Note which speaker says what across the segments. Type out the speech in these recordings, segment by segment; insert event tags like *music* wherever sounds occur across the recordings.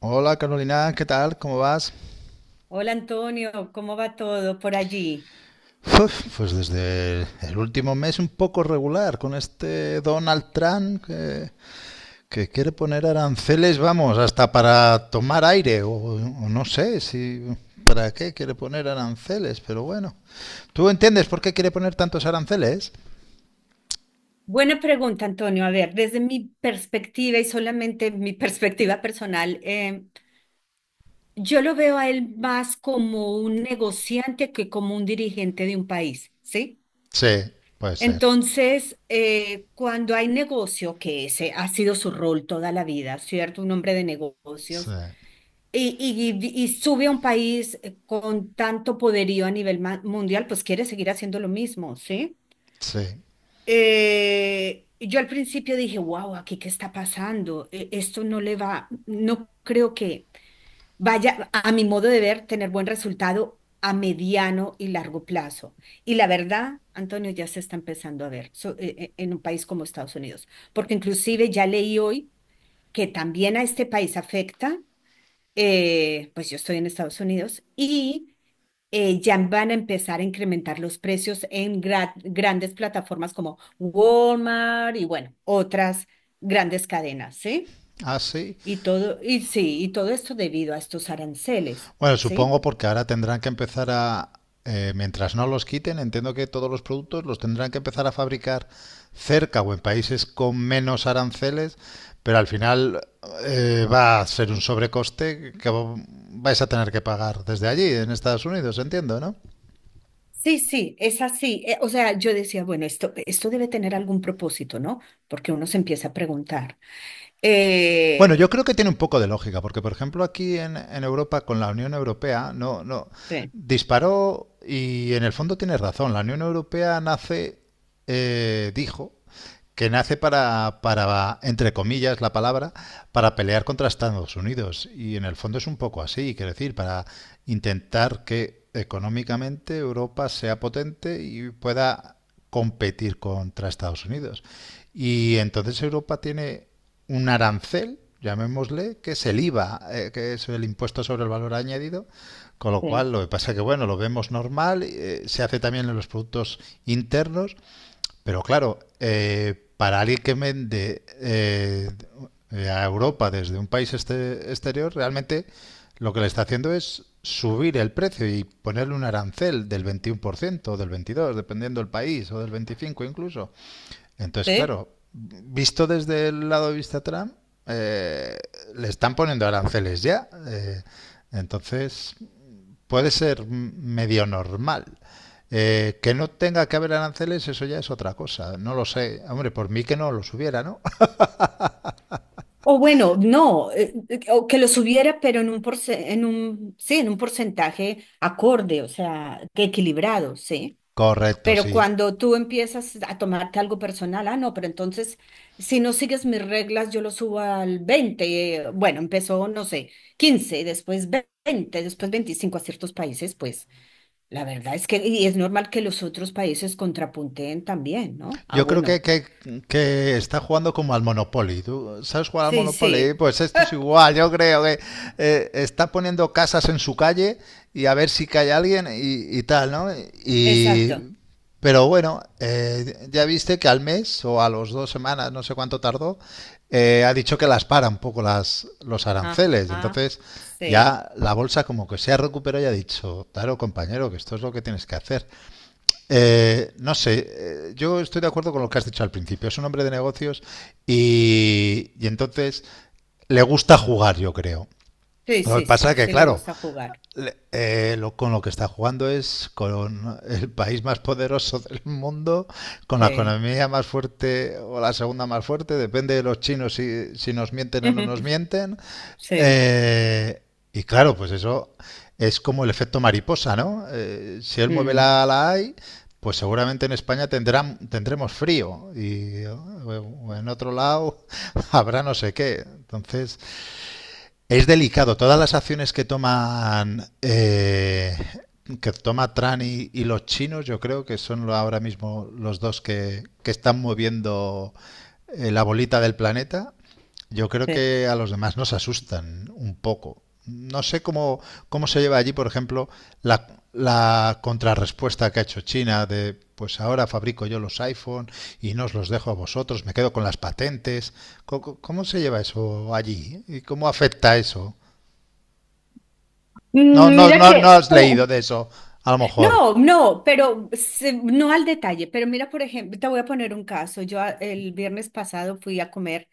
Speaker 1: Hola Carolina, ¿qué tal? ¿Cómo vas?
Speaker 2: Hola Antonio, ¿cómo va todo por allí?
Speaker 1: Uf, pues desde el último mes un poco regular con este Donald Trump que quiere poner aranceles, vamos, hasta para tomar aire o no sé si para qué quiere poner aranceles, pero bueno. ¿Tú entiendes por qué quiere poner tantos aranceles?
Speaker 2: Buena pregunta, Antonio. A ver, desde mi perspectiva y solamente mi *laughs* perspectiva personal, yo lo veo a él más como un negociante que como un dirigente de un país, ¿sí?
Speaker 1: Sí, puede ser.
Speaker 2: Entonces, cuando hay negocio, que ese ha sido su rol toda la vida, ¿cierto? Un hombre de
Speaker 1: Sí,
Speaker 2: negocios, y sube a un país con tanto poderío a nivel mundial, pues quiere seguir haciendo lo mismo, ¿sí?
Speaker 1: sí.
Speaker 2: Yo al principio dije, wow, aquí qué está pasando, esto no le va, no creo que vaya, a mi modo de ver, tener buen resultado a mediano y largo plazo. Y la verdad, Antonio, ya se está empezando a ver en un país como Estados Unidos, porque inclusive ya leí hoy que también a este país afecta, pues yo estoy en Estados Unidos y, ya van a empezar a incrementar los precios en grandes plataformas como Walmart y bueno, otras grandes cadenas, ¿sí?
Speaker 1: Ah, sí.
Speaker 2: Y todo, y sí, y todo esto debido a estos aranceles,
Speaker 1: Bueno,
Speaker 2: ¿sí?
Speaker 1: supongo porque ahora tendrán que empezar mientras no los quiten, entiendo que todos los productos los tendrán que empezar a fabricar cerca o en países con menos aranceles, pero al final va a ser un sobrecoste que vais a tener que pagar desde allí, en Estados Unidos, entiendo, ¿no?
Speaker 2: Sí, sí, es así. O sea, yo decía, bueno, esto debe tener algún propósito, ¿no? Porque uno se empieza a preguntar.
Speaker 1: Bueno, yo
Speaker 2: Eh,
Speaker 1: creo que tiene un poco de lógica, porque por ejemplo aquí en Europa con la Unión Europea no, no
Speaker 2: sí,
Speaker 1: disparó y en el fondo tiene razón. La Unión Europea nace, dijo que nace para, entre comillas, la palabra, para pelear contra Estados Unidos. Y en el fondo es un poco así, quiero decir, para intentar que económicamente Europa sea potente y pueda competir contra Estados Unidos. Y entonces Europa tiene un arancel, llamémosle, que es el IVA, que es el impuesto sobre el valor añadido, con lo
Speaker 2: sí,
Speaker 1: cual lo que pasa es que, bueno, lo vemos normal. Se hace también en los productos internos, pero claro, para alguien que vende a Europa desde un país exterior, realmente lo que le está haciendo es subir el precio y ponerle un arancel del 21% o del 22%, dependiendo del país, o del 25% incluso. Entonces,
Speaker 2: sí.
Speaker 1: claro, visto desde el lado de vista Trump, eh, le están poniendo aranceles ya. Entonces, puede ser medio normal. Que no tenga que haber aranceles, eso ya es otra cosa. No lo sé. Hombre, por mí que no los hubiera, ¿no?
Speaker 2: O bueno, no, o que lo subiera, pero en un, sí, en un porcentaje acorde, o sea, que equilibrado, ¿sí?
Speaker 1: *laughs* Correcto,
Speaker 2: Pero
Speaker 1: sí.
Speaker 2: cuando tú empiezas a tomarte algo personal, ah, no, pero entonces, si no sigues mis reglas, yo lo subo al 20, bueno, empezó, no sé, 15, después 20, después 25 a ciertos países, pues la verdad es que, y es normal que los otros países contrapunteen también, ¿no? Ah,
Speaker 1: Yo creo
Speaker 2: bueno,
Speaker 1: que está jugando como al Monopoly. ¿Tú sabes jugar al
Speaker 2: sí,
Speaker 1: Monopoly?
Speaker 2: sí,
Speaker 1: Pues
Speaker 2: *laughs*
Speaker 1: esto es igual. Yo creo que está poniendo casas en su calle y a ver si cae alguien y tal, ¿no?
Speaker 2: exacto.
Speaker 1: Y, pero bueno, ya viste que al mes o a los 2 semanas, no sé cuánto tardó, ha dicho que las para un poco los aranceles.
Speaker 2: Ajá,
Speaker 1: Entonces
Speaker 2: sí,
Speaker 1: ya la bolsa como que se ha recuperado y ha dicho, claro, compañero, que esto es lo que tienes que hacer. No sé, yo estoy de acuerdo con lo que has dicho al principio. Es un hombre de negocios y entonces le gusta jugar, yo creo.
Speaker 2: sí,
Speaker 1: Lo que
Speaker 2: sí,
Speaker 1: pasa
Speaker 2: sí,
Speaker 1: es que,
Speaker 2: sí le
Speaker 1: claro,
Speaker 2: gusta jugar,
Speaker 1: con lo que está jugando es con el país más poderoso del mundo, con la
Speaker 2: sí,
Speaker 1: economía más fuerte o la segunda más fuerte, depende de los chinos si nos mienten o no nos
Speaker 2: *laughs*
Speaker 1: mienten.
Speaker 2: sí,
Speaker 1: Eh, y claro, pues eso es como el efecto mariposa, ¿no? Si él mueve
Speaker 2: mm,
Speaker 1: la AI, pues seguramente en España tendremos frío y o en otro lado *laughs* habrá no sé qué. Entonces, es delicado. Todas las acciones que toman que toma Trump y los chinos, yo creo que son ahora mismo los dos que están moviendo la bolita del planeta. Yo creo
Speaker 2: sí.
Speaker 1: que a los demás nos asustan un poco. No sé cómo se lleva allí, por ejemplo, la, la contrarrespuesta que ha hecho China de, pues ahora fabrico yo los iPhone y no os los dejo a vosotros, me quedo con las patentes. ¿ Cómo se lleva eso allí? ¿Y cómo afecta eso? No,
Speaker 2: Mm,
Speaker 1: no,
Speaker 2: mira
Speaker 1: no, no
Speaker 2: que,
Speaker 1: has leído de eso, a lo mejor.
Speaker 2: no, no, pero no al detalle, pero mira, por ejemplo, te voy a poner un caso. El viernes pasado fui a comer,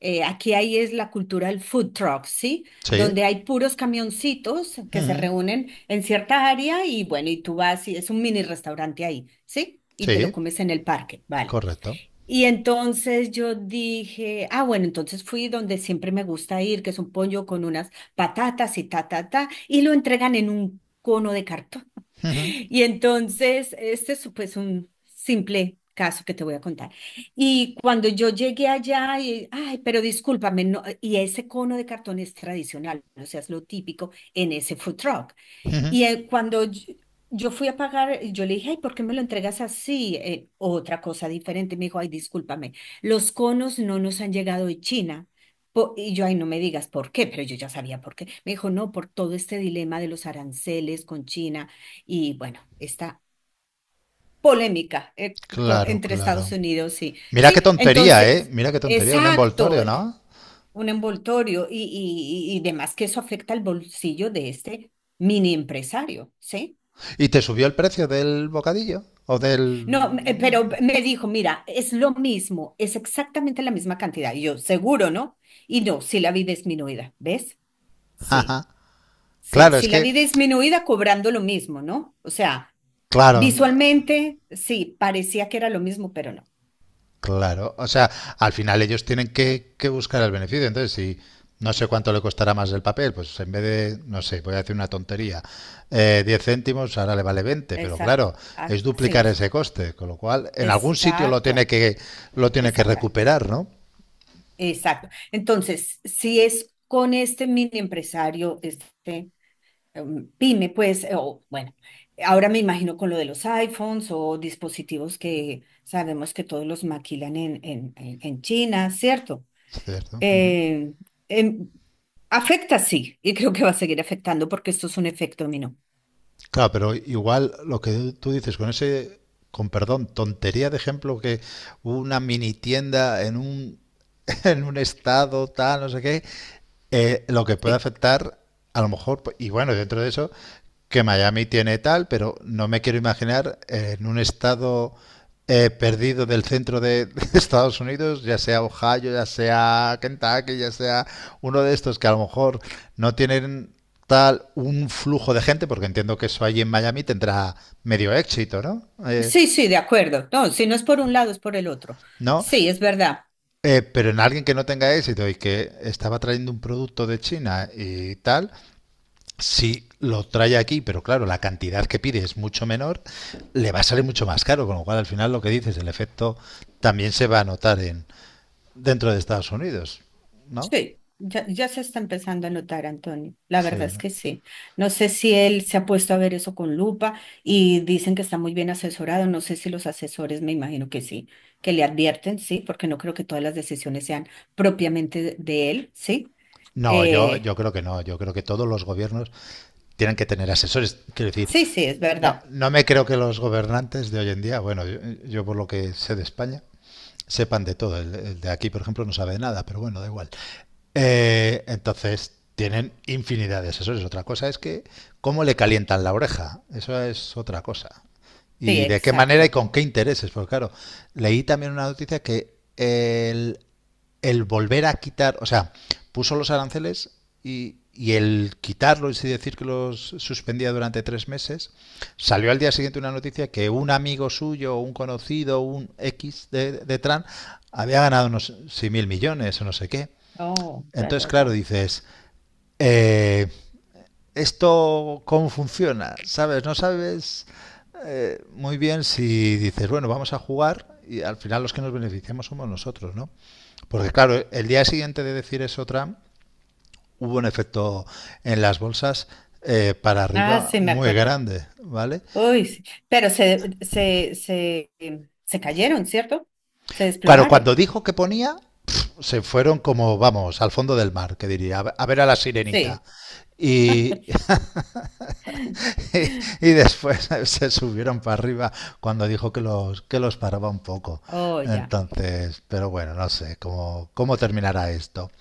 Speaker 2: aquí ahí es la cultura del food truck, ¿sí?
Speaker 1: Sí.
Speaker 2: Donde hay puros camioncitos que se
Speaker 1: Ujú.
Speaker 2: reúnen en cierta área y bueno, y tú vas y es un mini restaurante ahí, ¿sí? Y te lo
Speaker 1: Sí,
Speaker 2: comes en el parque, ¿vale?
Speaker 1: correcto.
Speaker 2: Y entonces yo dije, ah, bueno, entonces fui donde siempre me gusta ir, que es un pollo con unas patatas y ta, ta, ta, y lo entregan en un cono de cartón.
Speaker 1: Ujú.
Speaker 2: Y entonces, este es pues un simple caso que te voy a contar. Y cuando yo llegué allá, y, ay, pero discúlpame, no, y ese cono de cartón es tradicional, o sea, es lo típico en ese food truck.
Speaker 1: Ujú.
Speaker 2: Y cuando yo fui a pagar, yo le dije, ay, ¿por qué me lo entregas así? Otra cosa diferente. Me dijo, ay, discúlpame, los conos no nos han llegado de China. Y yo, ay, no me digas por qué, pero yo ya sabía por qué. Me dijo, no, por todo este dilema de los aranceles con China y bueno, esta polémica,
Speaker 1: Claro,
Speaker 2: entre
Speaker 1: claro.
Speaker 2: Estados Unidos y...
Speaker 1: Mira
Speaker 2: Sí,
Speaker 1: qué tontería, ¿eh?
Speaker 2: entonces,
Speaker 1: Mira qué tontería, un
Speaker 2: exacto,
Speaker 1: envoltorio, ¿no?
Speaker 2: un envoltorio y, y demás, que eso afecta al bolsillo de este mini empresario, ¿sí?
Speaker 1: ¿Y te subió el precio del bocadillo? ¿O
Speaker 2: No, pero
Speaker 1: del...?
Speaker 2: me dijo, mira, es lo mismo, es exactamente la misma cantidad. Y yo, seguro, ¿no? Y no, sí la vi disminuida, ¿ves?
Speaker 1: *laughs*
Speaker 2: Sí,
Speaker 1: Ajá.
Speaker 2: sí,
Speaker 1: Claro,
Speaker 2: sí
Speaker 1: es
Speaker 2: la
Speaker 1: que,
Speaker 2: vi disminuida cobrando lo mismo, ¿no? O sea,
Speaker 1: claro.
Speaker 2: visualmente, sí, parecía que era lo mismo, pero no.
Speaker 1: Claro, o sea, al final ellos tienen que buscar el beneficio. Entonces, si no sé cuánto le costará más el papel, pues en vez de, no sé, voy a decir una tontería, 10 céntimos, ahora le vale 20, pero claro,
Speaker 2: Exacto,
Speaker 1: es
Speaker 2: así
Speaker 1: duplicar
Speaker 2: es.
Speaker 1: ese coste, con lo cual en algún sitio
Speaker 2: Exacto,
Speaker 1: lo
Speaker 2: te
Speaker 1: tiene que
Speaker 2: saca.
Speaker 1: recuperar, ¿no?
Speaker 2: Exacto. Entonces, si es con este mini empresario, este, pyme, pues, o bueno, ahora me imagino con lo de los iPhones o dispositivos que sabemos que todos los maquilan en China, ¿cierto?
Speaker 1: Cierto. Ujú.
Speaker 2: Eh, em, afecta, sí, y creo que va a seguir afectando porque esto es un efecto dominó.
Speaker 1: Claro, pero igual lo que tú dices con ese, con perdón, tontería de ejemplo que una mini tienda en un *laughs* en un estado tal, no sé qué, lo que puede
Speaker 2: Sí,
Speaker 1: afectar, a lo mejor, y bueno, dentro de eso, que Miami tiene tal, pero no me quiero imaginar en un estado perdido del centro de Estados Unidos, ya sea Ohio, ya sea Kentucky, ya sea uno de estos que a lo mejor no tienen tal un flujo de gente, porque entiendo que eso allí en Miami tendrá medio éxito, ¿no?
Speaker 2: sí, sí, de acuerdo. No, si no es por un lado, es por el otro.
Speaker 1: ¿No?
Speaker 2: Sí, es verdad.
Speaker 1: Pero en alguien que no tenga éxito y que estaba trayendo un producto de China y tal, si lo trae aquí, pero claro, la cantidad que pide es mucho menor, le va a salir mucho más caro, con lo cual al final lo que dices, el efecto también se va a notar en dentro de Estados Unidos, ¿no?
Speaker 2: Sí, ya, ya se está empezando a notar, Antonio. La verdad
Speaker 1: Sí.
Speaker 2: es que sí. No sé si él se ha puesto a ver eso con lupa y dicen que está muy bien asesorado. No sé si los asesores, me imagino que sí, que le advierten, sí, porque no creo que todas las decisiones sean propiamente de él, sí.
Speaker 1: No,
Speaker 2: Eh,
Speaker 1: yo creo que no. Yo creo que todos los gobiernos tienen que tener asesores. Quiero decir,
Speaker 2: sí, sí, es
Speaker 1: no,
Speaker 2: verdad.
Speaker 1: no me creo que los gobernantes de hoy en día, bueno, yo por lo que sé de España, sepan de todo. El de aquí, por ejemplo, no sabe de nada, pero bueno, da igual. Entonces, tienen infinidad de asesores. Otra cosa es que cómo le calientan la oreja. Eso es otra cosa.
Speaker 2: Sí,
Speaker 1: Y de qué manera y
Speaker 2: exacto.
Speaker 1: con qué intereses. Porque claro, leí también una noticia que el volver a quitar, o sea, puso los aranceles y el quitarlos y decir que los suspendía durante 3 meses, salió al día siguiente una noticia que un amigo suyo, un conocido, un X de Tran, había ganado unos 6.000 millones o no sé qué.
Speaker 2: Oh, ya,
Speaker 1: Entonces,
Speaker 2: ya,
Speaker 1: claro,
Speaker 2: ya.
Speaker 1: dices, eh, ¿esto cómo funciona? ¿Sabes? No sabes muy bien si dices, bueno, vamos a jugar y al final los que nos beneficiamos somos nosotros, ¿no? Porque claro, el día siguiente de decir eso Trump, hubo un efecto en las bolsas para
Speaker 2: Ah,
Speaker 1: arriba
Speaker 2: sí, me
Speaker 1: muy
Speaker 2: acuerdo.
Speaker 1: grande, ¿vale?
Speaker 2: Uy, sí. Pero se, se cayeron, ¿cierto? Se
Speaker 1: Claro,
Speaker 2: desplomaron.
Speaker 1: cuando dijo que ponía, se fueron como, vamos, al fondo del mar, que diría, a ver a la sirenita.
Speaker 2: Sí.
Speaker 1: Y, *laughs* y después se subieron para arriba cuando dijo que que los paraba un poco.
Speaker 2: Oh, ya.
Speaker 1: Entonces, pero bueno, no sé cómo terminará esto.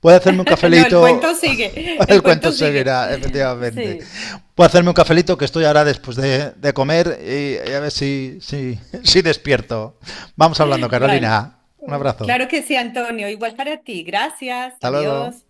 Speaker 1: ¿Puede hacerme un
Speaker 2: *laughs* No, el cuento
Speaker 1: cafelito?
Speaker 2: sigue,
Speaker 1: *laughs*
Speaker 2: el
Speaker 1: El cuento
Speaker 2: cuento sigue.
Speaker 1: seguirá, efectivamente.
Speaker 2: Sí,
Speaker 1: Puedo hacerme un cafelito que estoy ahora después de comer y a ver *laughs* si despierto. Vamos hablando,
Speaker 2: vale.
Speaker 1: Carolina. Un abrazo.
Speaker 2: Claro que sí, Antonio. Igual para ti. Gracias,
Speaker 1: Hasta luego.
Speaker 2: adiós.